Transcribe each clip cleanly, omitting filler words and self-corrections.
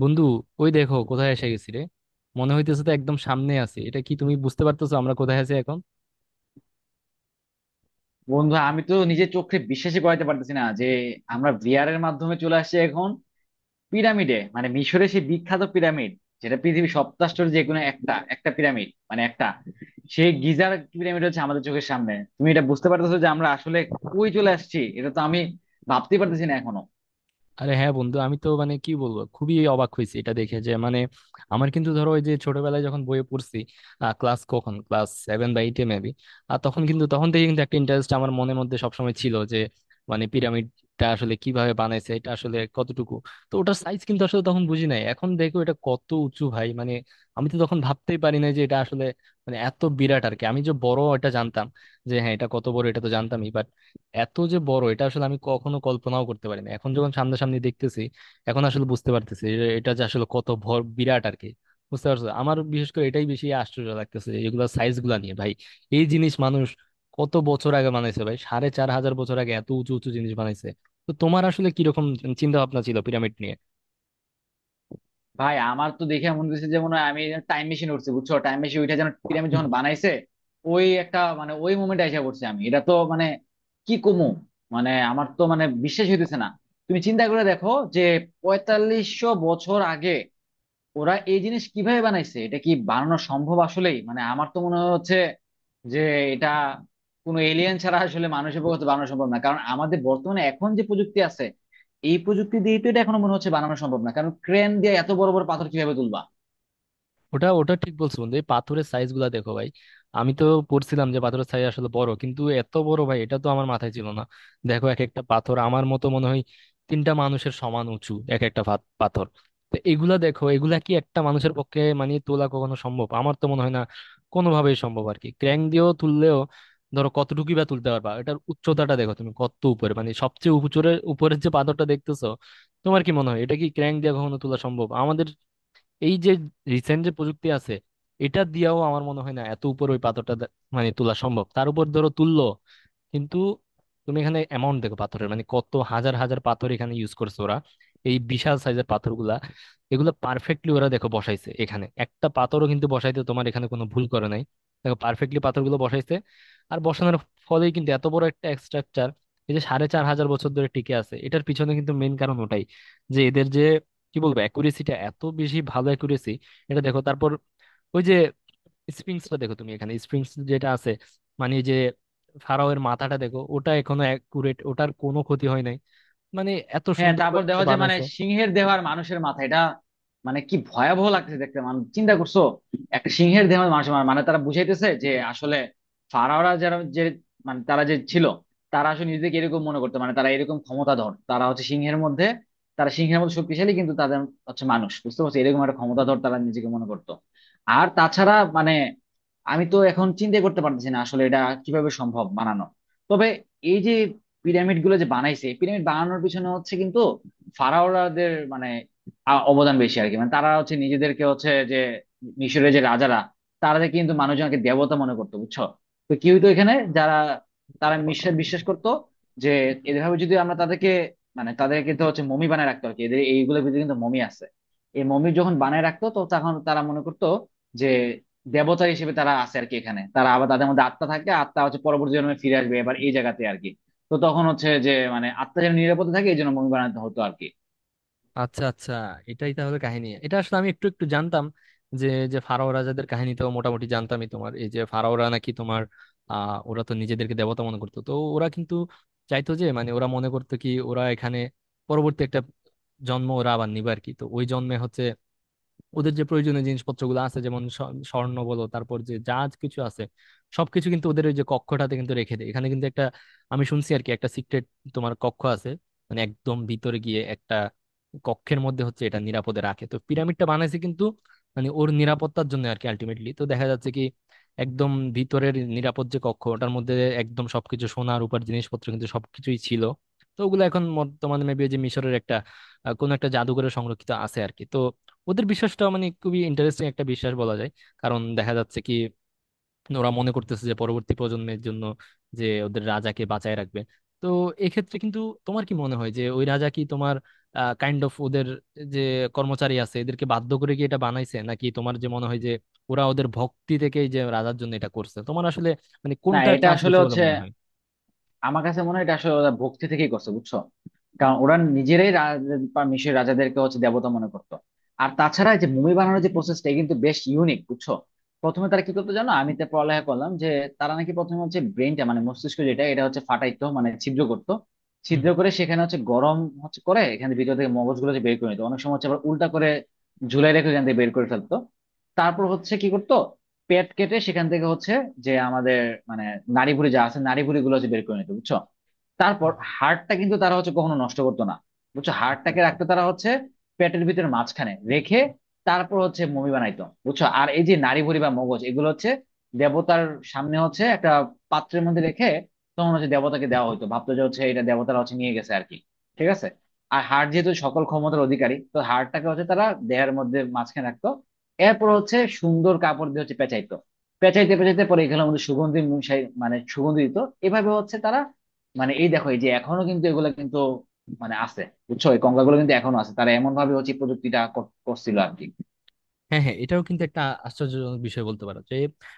বন্ধু, ওই দেখো কোথায় এসে গেছি রে। মনে হইতেছে তো একদম সামনে আছি। এটা কি তুমি বুঝতে পারতেছো আমরা কোথায় আছি এখন? বন্ধু, আমি তো নিজের চোখে বিশ্বাসই করাতে পারতেছি না যে আমরা ভিআর এর মাধ্যমে চলে আসছি এখন পিরামিডে, মানে মিশরের সেই বিখ্যাত পিরামিড, যেটা পৃথিবীর সপ্তাশ্চর্যের যে কোনো একটা একটা পিরামিড, মানে একটা সেই গিজার পিরামিড হচ্ছে আমাদের চোখের সামনে। তুমি এটা বুঝতে পারতেছো যে আমরা আসলে কই চলে আসছি? এটা তো আমি ভাবতেই পারতেছি না এখনো। আরে হ্যাঁ বন্ধু, আমি তো মানে কি বলবো, খুবই অবাক হয়েছি এটা দেখে। যে মানে আমার কিন্তু, ধরো, ওই যে ছোটবেলায় যখন বইয়ে পড়ছি, ক্লাস 7 বা 8-এ মেবি, আর তখন থেকে কিন্তু একটা ইন্টারেস্ট আমার মনের মধ্যে সবসময় ছিল যে মানে পিরামিডটা আসলে কিভাবে বানাইছে, এটা আসলে কতটুকু। তো ওটার সাইজ কিন্তু আসলে তখন বুঝি নাই, এখন দেখো এটা কত উঁচু ভাই। মানে আমি তো তখন ভাবতেই পারি না যে এটা আসলে মানে এত বিরাট আর কি। আমি যে বড় এটা জানতাম, যে হ্যাঁ এটা কত বড় এটা তো জানতামই, এত যে বড় এটা আসলে আমি কখনো কল্পনাও করতে পারিনি। এখন যখন সামনাসামনি দেখতেছি, এখন আসলে বুঝতে পারতেছি যে এটা যে আসলে কত ভর বিরাট আর কি। বুঝতে পারছো, আমার বিশেষ করে এটাই বেশি আশ্চর্য লাগতেছে এগুলা সাইজ গুলা নিয়ে ভাই। এই জিনিস মানুষ কত বছর আগে বানাইছে ভাই, 4,500 বছর আগে এত উঁচু উঁচু জিনিস বানাইছে। তো তোমার আসলে কিরকম চিন্তা ভাবনা ছিল পিরামিড নিয়ে? ভাই, আমার তো দেখে মনে হচ্ছে যে মনে হয় আমি টাইম মেশিন উঠছি, বুঝছো? টাইম মেশিন উঠে যেন পিরামিড যখন বানাইছে ওই একটা, মানে ওই মোমেন্টে এসে পড়ছি আমি। এটা তো মানে কি কমু, মানে আমার তো মানে বিশ্বাস হইতেছে না। তুমি চিন্তা করে দেখো যে 4500 বছর আগে ওরা এই জিনিস কিভাবে বানাইছে, এটা কি বানানো সম্ভব আসলেই? মানে আমার তো মনে হচ্ছে যে এটা কোনো এলিয়েন ছাড়া আসলে মানুষের পক্ষে তো বানানো সম্ভব না, কারণ আমাদের বর্তমানে এখন যে প্রযুক্তি আছে এই প্রযুক্তি দিয়ে তো এটা এখনো মনে হচ্ছে বানানো সম্ভব না, কারণ ক্রেন দিয়ে এত বড় বড় পাথর কিভাবে তুলবা? ওটা ওটা ঠিক বলছো বন্ধু, এই পাথরের সাইজ গুলা দেখো ভাই। আমি তো পড়ছিলাম যে পাথরের সাইজ আসলে বড়, কিন্তু এত বড় ভাই, এটা তো আমার মাথায় ছিল না। দেখো, এক একটা পাথর আমার মতো মনে হয় 3টা মানুষের সমান উঁচু এক একটা পাথর। তো এগুলা দেখো, এগুলা কি একটা মানুষের পক্ষে মানে তোলা কখনো সম্ভব? আমার তো মনে হয় না কোনোভাবেই সম্ভব আর কি। ক্র্যাং দিয়েও তুললেও ধরো কতটুকুই বা তুলতে পারবা। এটার উচ্চতাটা দেখো তুমি, কত উপরে মানে সবচেয়ে উপরের উপরের যে পাথরটা দেখতেছো, তোমার কি মনে হয় এটা কি ক্র্যাং দিয়ে কখনো তোলা সম্ভব আমাদের এই যে রিসেন্ট যে প্রযুক্তি আছে এটা দিয়েও? আমার মনে হয় না এত উপর ওই পাথরটা মানে তোলা সম্ভব। তার উপর ধরো তুললো কিন্তু, তুমি এখানে অ্যামাউন্ট দেখো পাথরের, মানে কত হাজার হাজার পাথর এখানে ইউজ করছে ওরা, এই বিশাল সাইজের পাথরগুলা। এগুলো পারফেক্টলি ওরা দেখো বসাইছে, এখানে একটা পাথরও কিন্তু বসাইতে তোমার এখানে কোনো ভুল করে নাই। দেখো, পারফেক্টলি পাথরগুলো বসাইছে। আর বসানোর ফলেই কিন্তু এত বড় একটা স্ট্রাকচার এই যে 4,500 বছর ধরে টিকে আছে, এটার পিছনে কিন্তু মেন কারণ ওটাই, যে এদের যে কি বলবো অ্যাকুরেসিটা এত বেশি, ভালো অ্যাকুরেসি। এটা দেখো, তারপর ওই যে স্প্রিংস টা দেখো তুমি, এখানে স্প্রিংস যেটা আছে মানে এই যে ফারাওয়ের মাথাটা দেখো, ওটা এখনো অ্যাকুরেট, ওটার কোনো ক্ষতি হয় নাই। মানে এত হ্যাঁ, সুন্দর করে তারপর যেটা দেখো যে মানে বানাইছে। সিংহের দেহ আর মানুষের মাথা, এটা মানে কি ভয়াবহ লাগতেছে দেখতে, মানে চিন্তা করছো একটা সিংহের দেহ আর মানুষের মাথা, মানে তারা বুঝাইতেছে যে আসলে ফারাওরা যারা, যে মানে তারা যে ছিল, তারা আসলে নিজেদেরকে এরকম মনে করতো, মানে তারা এরকম ক্ষমতাধর, তারা হচ্ছে সিংহের মধ্যে, তারা সিংহের মতো শক্তিশালী, কিন্তু তাদের হচ্ছে মানুষ, বুঝতে পারছো? এরকম একটা ক্ষমতাধর তারা নিজেকে মনে করতো। আর তাছাড়া মানে আমি তো এখন চিন্তা করতে পারতেছি না আসলে এটা কিভাবে সম্ভব বানানো। তবে এই যে পিরামিড গুলো যে বানাইছে, পিরামিড বানানোর পিছনে হচ্ছে কিন্তু ফারাওরাদের মানে অবদান বেশি আর কি। মানে তারা হচ্ছে নিজেদেরকে হচ্ছে যে মিশরের যে রাজারা, তারা যে কিন্তু মানুষজনকে দেবতা মনে করতো, বুঝছো? তো কি হইতো, এখানে যারা তারা মিশরে বিশ্বাস করতো যে এভাবে যদি আমরা তাদেরকে, মানে তাদেরকে তো হচ্ছে মমি বানায় রাখতো আর কি, এদের এইগুলোর ভিতরে কিন্তু মমি আছে। এই মমি যখন বানায় রাখতো তো তখন তারা মনে করতো যে দেবতা হিসেবে তারা আছে আর কি। এখানে তারা আবার তাদের মধ্যে আত্মা থাকে, আত্মা হচ্ছে পরবর্তী জন্মে ফিরে আসবে এবার এই জায়গাতে আর কি। তো তখন হচ্ছে যে মানে আত্মা যেন নিরাপদে থাকে এই জন্য মুভি বানাতে হতো আর কি। আচ্ছা, আচ্ছা, এটাই তাহলে কাহিনী। এটা আসলে আমি একটু একটু জানতাম, যে যে ফারাও রাজাদের কাহিনী তো মোটামুটি জানতামই। তোমার এই যে ফারাওরা নাকি তোমার, ওরা তো নিজেদেরকে দেবতা মনে করতো, তো ওরা কিন্তু চাইতো যে মানে ওরা মনে করতো কি, ওরা এখানে পরবর্তী একটা জন্ম ওরা আবার নিবে আর কি। তো ওই জন্মে হচ্ছে ওদের যে প্রয়োজনীয় জিনিসপত্রগুলো আছে, যেমন স্বর্ণ বলো, তারপর যে যা কিছু আছে সবকিছু কিন্তু ওদের ওই যে কক্ষটাতে কিন্তু রেখে দেয়। এখানে কিন্তু একটা, আমি শুনছি আর কি, একটা সিক্রেট তোমার কক্ষ আছে, মানে একদম ভিতরে গিয়ে একটা কক্ষের মধ্যে হচ্ছে এটা নিরাপদে রাখে। তো পিরামিডটা বানাইছে কিন্তু মানে ওর নিরাপত্তার জন্য আর কি। আলটিমেটলি তো দেখা যাচ্ছে কি একদম ভিতরের নিরাপদ যে কক্ষ, ওটার মধ্যে একদম সবকিছু সোনা রূপার জিনিসপত্র কিন্তু সবকিছুই ছিল। তো ওগুলো এখন বর্তমানে মেবি যে মিশরের একটা, কোনো একটা জাদুঘরে সংরক্ষিত আছে আর কি। তো ওদের বিশ্বাসটা মানে খুবই ইন্টারেস্টিং একটা বিশ্বাস বলা যায়। কারণ দেখা যাচ্ছে কি, ওরা মনে করতেছে যে পরবর্তী প্রজন্মের জন্য যে ওদের রাজাকে বাঁচায় রাখবে। তো এক্ষেত্রে কিন্তু তোমার কি মনে হয় যে ওই রাজা কি তোমার কাইন্ড অফ ওদের যে কর্মচারী আছে এদেরকে বাধ্য করে কি এটা বানাইছে, নাকি তোমার যে মনে হয় যে ওরা ওদের ভক্তি থেকেই যে রাজার জন্য এটা করছে? তোমার আসলে মানে না, কোনটা এটা চান্স আসলে বেশি বলে হচ্ছে মনে হয়? আমার কাছে মনে হয় এটা আসলে ওরা ভক্তি থেকেই করছে, বুঝছো? কারণ ওরা নিজেরাই বা মিশরের রাজাদেরকে হচ্ছে দেবতা মনে করতো। আর তাছাড়া এই যে মুভি বানানোর যে প্রসেসটা কিন্তু বেশ ইউনিক, বুঝছো? প্রথমে তারা কি করতো জানো? আমি তো পড়ালেখা করলাম যে তারা নাকি প্রথমে হচ্ছে ব্রেনটা মানে মস্তিষ্ক, যেটা এটা হচ্ছে ফাটাইতো মানে ছিদ্র করতো, হুম। ছিদ্র করে সেখানে হচ্ছে গরম হচ্ছে করে এখানে ভিতর থেকে মগজগুলো যে বের করে নিত। অনেক সময় হচ্ছে আবার উল্টা করে ঝুলাই রেখে এখান থেকে বের করে ফেলতো। তারপর হচ্ছে কি করতো পেট কেটে সেখান থেকে হচ্ছে যে আমাদের মানে নাড়িভুঁড়ি যা আছে নাড়িভুঁড়ি গুলো হচ্ছে বের করে নিত, বুঝছো? হুম, তারপর হুম। হাড়টা কিন্তু তারা হচ্ছে কখনো নষ্ট করতো না, বুঝছো? আচ্ছা, হাড়টাকে আচ্ছা। রাখতো তারা হচ্ছে পেটের ভিতরে মাঝখানে রেখে। তারপর হচ্ছে মমি বানাইতো, বুঝছো? আর এই যে নাড়িভুঁড়ি বা মগজ, এগুলো হচ্ছে দেবতার সামনে হচ্ছে একটা পাত্রের মধ্যে রেখে তখন হচ্ছে দেবতাকে দেওয়া হতো। ভাবতো যে হচ্ছে এটা দেবতারা হচ্ছে নিয়ে গেছে আর কি। ঠিক আছে। আর হাড় যেহেতু সকল ক্ষমতার অধিকারী, তো হাড়টাকে হচ্ছে তারা দেহের মধ্যে মাঝখানে রাখতো। এরপর হচ্ছে সুন্দর কাপড় দিয়ে হচ্ছে পেঁচাইতো। পেঁচাইতে পেঁচাইতে পরে এগুলো আমাদের সুগন্ধি মশাই মানে সুগন্ধি দিত। এভাবে হচ্ছে তারা, মানে এই দেখো এই যে এখনো কিন্তু এগুলা কিন্তু মানে আছে, বুঝছো? এই কঙ্কালগুলো কিন্তু এখনো আছে। তারা এমন ভাবে হচ্ছে এই প্রযুক্তিটা করছিল আর কি। হ্যাঁ, হ্যাঁ, এটাও কিন্তু একটা আশ্চর্যজনক বিষয় বলতে পারো যে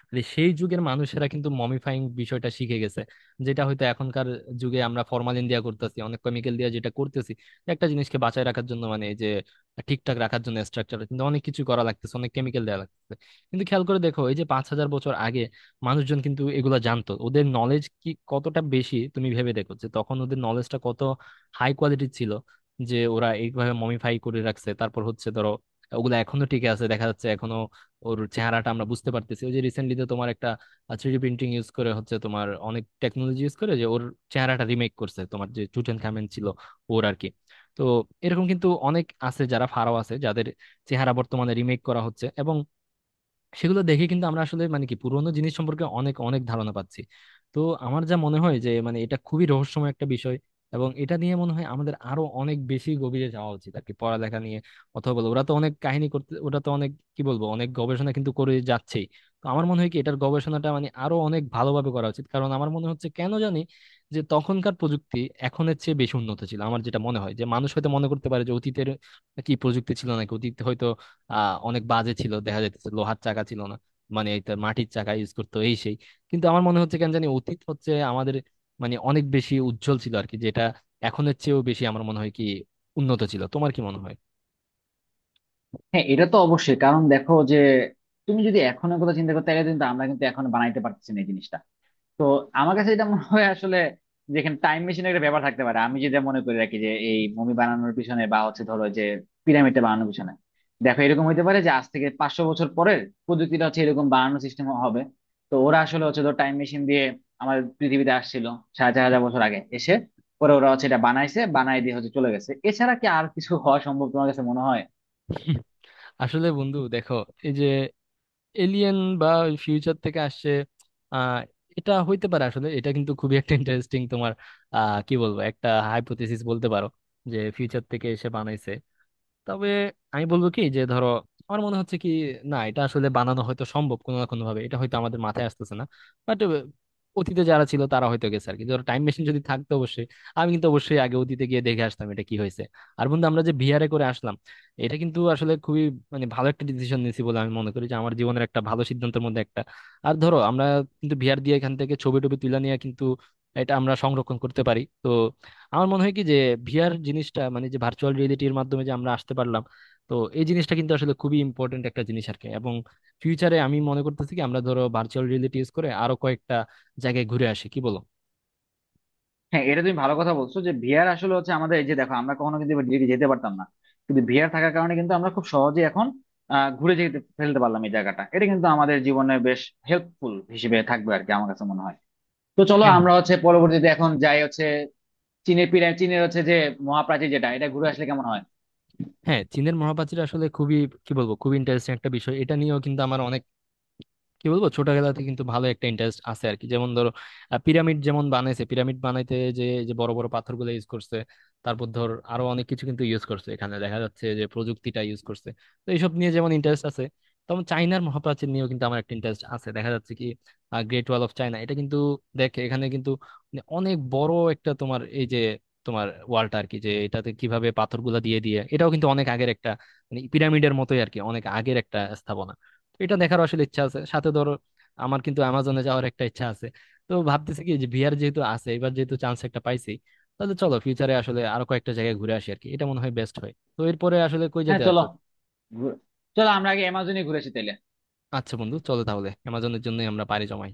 মানে সেই যুগের মানুষেরা কিন্তু মমিফাইং বিষয়টা শিখে গেছে, যেটা হয়তো এখনকার যুগে আমরা ফরমালিন দিয়া করতেছি, অনেক কেমিক্যাল দিয়া যেটা করতেছি একটা জিনিসকে বাঁচায় রাখার জন্য। মানে এই যে ঠিকঠাক রাখার জন্য স্ট্রাকচার কিন্তু অনেক কিছু করা লাগতেছে, অনেক কেমিক্যাল দেওয়া লাগতেছে। কিন্তু খেয়াল করে দেখো, এই যে 5,000 বছর আগে মানুষজন কিন্তু এগুলা জানতো। ওদের নলেজ কি কতটা বেশি তুমি ভেবে দেখো, যে তখন ওদের নলেজটা কত হাই কোয়ালিটির ছিল, যে ওরা এইভাবে মমিফাই করে রাখছে। তারপর হচ্ছে ধরো ওগুলা এখনো টিকে আছে, দেখা যাচ্ছে এখনো ওর চেহারাটা আমরা বুঝতে পারতেছি। ওই যে রিসেন্টলি তো তোমার একটা থ্রিডি প্রিন্টিং ইউজ করে হচ্ছে, তোমার অনেক টেকনোলজি ইউজ করে যে ওর চেহারাটা রিমেক করছে তোমার, যে চুটেন খামেন ছিল ওর আর কি। তো এরকম কিন্তু অনেক আছে যারা ফারাও আছে, যাদের চেহারা বর্তমানে রিমেক করা হচ্ছে, এবং সেগুলো দেখে কিন্তু আমরা আসলে মানে কি পুরোনো জিনিস সম্পর্কে অনেক অনেক ধারণা পাচ্ছি। তো আমার যা মনে হয় যে মানে এটা খুবই রহস্যময় একটা বিষয়, এবং এটা নিয়ে মনে হয় আমাদের আরো অনেক বেশি গভীরে যাওয়া উচিত আর কি, পড়ালেখা নিয়ে। অথবা বলো ওরা তো অনেক কাহিনী করতে, ওরা তো অনেক কি বলবো অনেক গবেষণা কিন্তু করে যাচ্ছেই। তো আমার মনে হয় কি এটার গবেষণাটা মানে আরো অনেক ভালোভাবে করা উচিত, কারণ আমার মনে হচ্ছে কেন জানি যে তখনকার প্রযুক্তি এখনের চেয়ে বেশি উন্নত ছিল। আমার যেটা মনে হয় যে মানুষ হয়তো মনে করতে পারে যে অতীতের কি প্রযুক্তি ছিল, নাকি অতীতে হয়তো অনেক বাজে ছিল, দেখা যাইতেছে লোহার চাকা ছিল না, মানে এটা মাটির চাকা ইউজ করতো এই সেই। কিন্তু আমার মনে হচ্ছে কেন জানি অতীত হচ্ছে আমাদের মানে অনেক বেশি উজ্জ্বল ছিল আর কি, যেটা এখনের চেয়েও বেশি আমার মনে হয় কি উন্নত ছিল। তোমার কি মনে হয়? হ্যাঁ, এটা তো অবশ্যই, কারণ দেখো যে তুমি যদি এখন কথা চিন্তা করতে গেলে কিন্তু আমরা কিন্তু এখন বানাইতে পারতেছি না এই জিনিসটা। তো আমার কাছে এটা মনে হয় আসলে, যেখানে টাইম মেশিনের একটা ব্যাপার থাকতে পারে। আমি যেটা মনে করে রাখি যে এই মুভি বানানোর পিছনে বা হচ্ছে ধরো যে পিরামিডটা বানানোর পিছনে, দেখো, এরকম হতে পারে যে আজ থেকে 500 বছর পরের প্রযুক্তিটা হচ্ছে এরকম বানানোর সিস্টেম হবে। তো ওরা আসলে হচ্ছে ধর টাইম মেশিন দিয়ে আমাদের পৃথিবীতে আসছিল 4500 বছর আগে, এসে পরে ওরা হচ্ছে এটা বানাইছে, বানাই দিয়ে হচ্ছে চলে গেছে। এছাড়া কি আর কিছু হওয়া সম্ভব, তোমার কাছে মনে হয়? আসলে বন্ধু দেখো, এই যে এলিয়েন বা ফিউচার থেকে আসছে, আহ এটা হইতে পারে। আসলে এটা কিন্তু খুবই একটা ইন্টারেস্টিং তোমার, কি বলবো, একটা হাইপোথেসিস বলতে পারো, যে ফিউচার থেকে এসে বানাইছে। তবে আমি বলবো কি যে ধরো, আমার মনে হচ্ছে কি, না এটা আসলে বানানো হয়তো সম্ভব কোনো না কোনো ভাবে, এটা হয়তো আমাদের মাথায় আসতেছে না। বাট অতীতে যারা ছিল তারা হয়তো গেছে আর কি, ধরো টাইম মেশিন যদি থাকতো অবশ্যই। আমি কিন্তু অবশ্যই আগে অতীতে গিয়ে দেখে আসতাম এটা কি হয়েছে। আর বন্ধু, আমরা যে ভিআরে করে আসলাম, এটা কিন্তু আসলে খুবই মানে ভালো একটা ডিসিশন নিয়েছি বলে আমি মনে করি, যে আমার জীবনের একটা ভালো সিদ্ধান্তের মধ্যে একটা। আর ধরো আমরা কিন্তু ভিআর দিয়ে এখান থেকে ছবি টবি তুলে নিয়ে কিন্তু এটা আমরা সংরক্ষণ করতে পারি। তো আমার মনে হয় কি যে ভিআর জিনিসটা মানে যে ভার্চুয়াল রিয়েলিটির মাধ্যমে যে আমরা আসতে পারলাম, তো এই জিনিসটা কিন্তু আসলে খুবই ইম্পর্টেন্ট একটা জিনিস আর কি। এবং ফিউচারে আমি মনে করতেছি কি আমরা ধরো ভার্চুয়াল রিয়েলিটি ইউজ করে আরো কয়েকটা জায়গায় ঘুরে আসি, কি বলো? হ্যাঁ, এটা তুমি ভালো কথা বলছো যে ভিআর আসলে হচ্ছে আমাদের, এই যে দেখো আমরা কখনো কিন্তু এবার দিল্লি যেতে পারতাম না, কিন্তু ভিআর থাকার কারণে কিন্তু আমরা খুব সহজে এখন আহ, ঘুরে যেতে ফেলতে পারলাম এই জায়গাটা। এটা কিন্তু আমাদের জীবনে বেশ হেল্পফুল হিসেবে থাকবে আর কি, আমার কাছে মনে হয়। তো চলো হ্যাঁ। আমরা হচ্ছে পরবর্তীতে এখন যাই হচ্ছে চীনের পিরামিড, চীনের হচ্ছে যে মহাপ্রাচীর যেটা, এটা ঘুরে আসলে কেমন হয়? হ্যাঁ, চীনের মহাপ্রাচীর আসলে খুবই কি বলবো খুবই ইন্টারেস্টিং একটা বিষয়। এটা নিয়েও কিন্তু আমার অনেক কি বলবো ছোটবেলাতে কিন্তু ভালো একটা ইন্টারেস্ট আছে আর কি। যেমন ধরো, পিরামিড যেমন বানাইছে, পিরামিড বানাইতে যে যে বড় বড় পাথরগুলো ইউজ করছে, তারপর ধর আরো অনেক কিছু কিন্তু ইউজ করছে, এখানে দেখা যাচ্ছে যে প্রযুক্তিটা ইউজ করছে। তো এইসব নিয়ে যেমন ইন্টারেস্ট আছে, তেমন চাইনার মহাপ্রাচীর নিয়েও কিন্তু আমার একটা ইন্টারেস্ট আছে। দেখা যাচ্ছে কি গ্রেট ওয়াল অফ চায়না এটা কিন্তু, দেখে এখানে কিন্তু মানে অনেক বড় একটা তোমার এই যে তোমার ওয়ালটা আর কি, যে এটাতে কিভাবে পাথরগুলা দিয়ে দিয়ে এটাও কিন্তু অনেক আগের একটা মানে পিরামিডের মতোই আর কি, অনেক আগের একটা স্থাপনা। তো এটা দেখার আসলে ইচ্ছা আছে। সাথে ধরো আমার কিন্তু অ্যামাজনে যাওয়ার একটা ইচ্ছা আছে। তো ভাবতেছি কি যে ভিআর যেহেতু আছে, এবার যেহেতু চান্স একটা পাইছি, তাহলে চলো ফিউচারে আসলে আরো কয়েকটা জায়গায় ঘুরে আসি আর কি, এটা মনে হয় বেস্ট হয়। তো এরপরে আসলে কই হ্যাঁ যেতে চলো, আছো? ঘুরে- চলো আমরা আগে অ্যামাজনে ঘুরে আসি তাহলে। আচ্ছা বন্ধু, চলো তাহলে অ্যামাজনের জন্যই আমরা পাড়ি জমাই।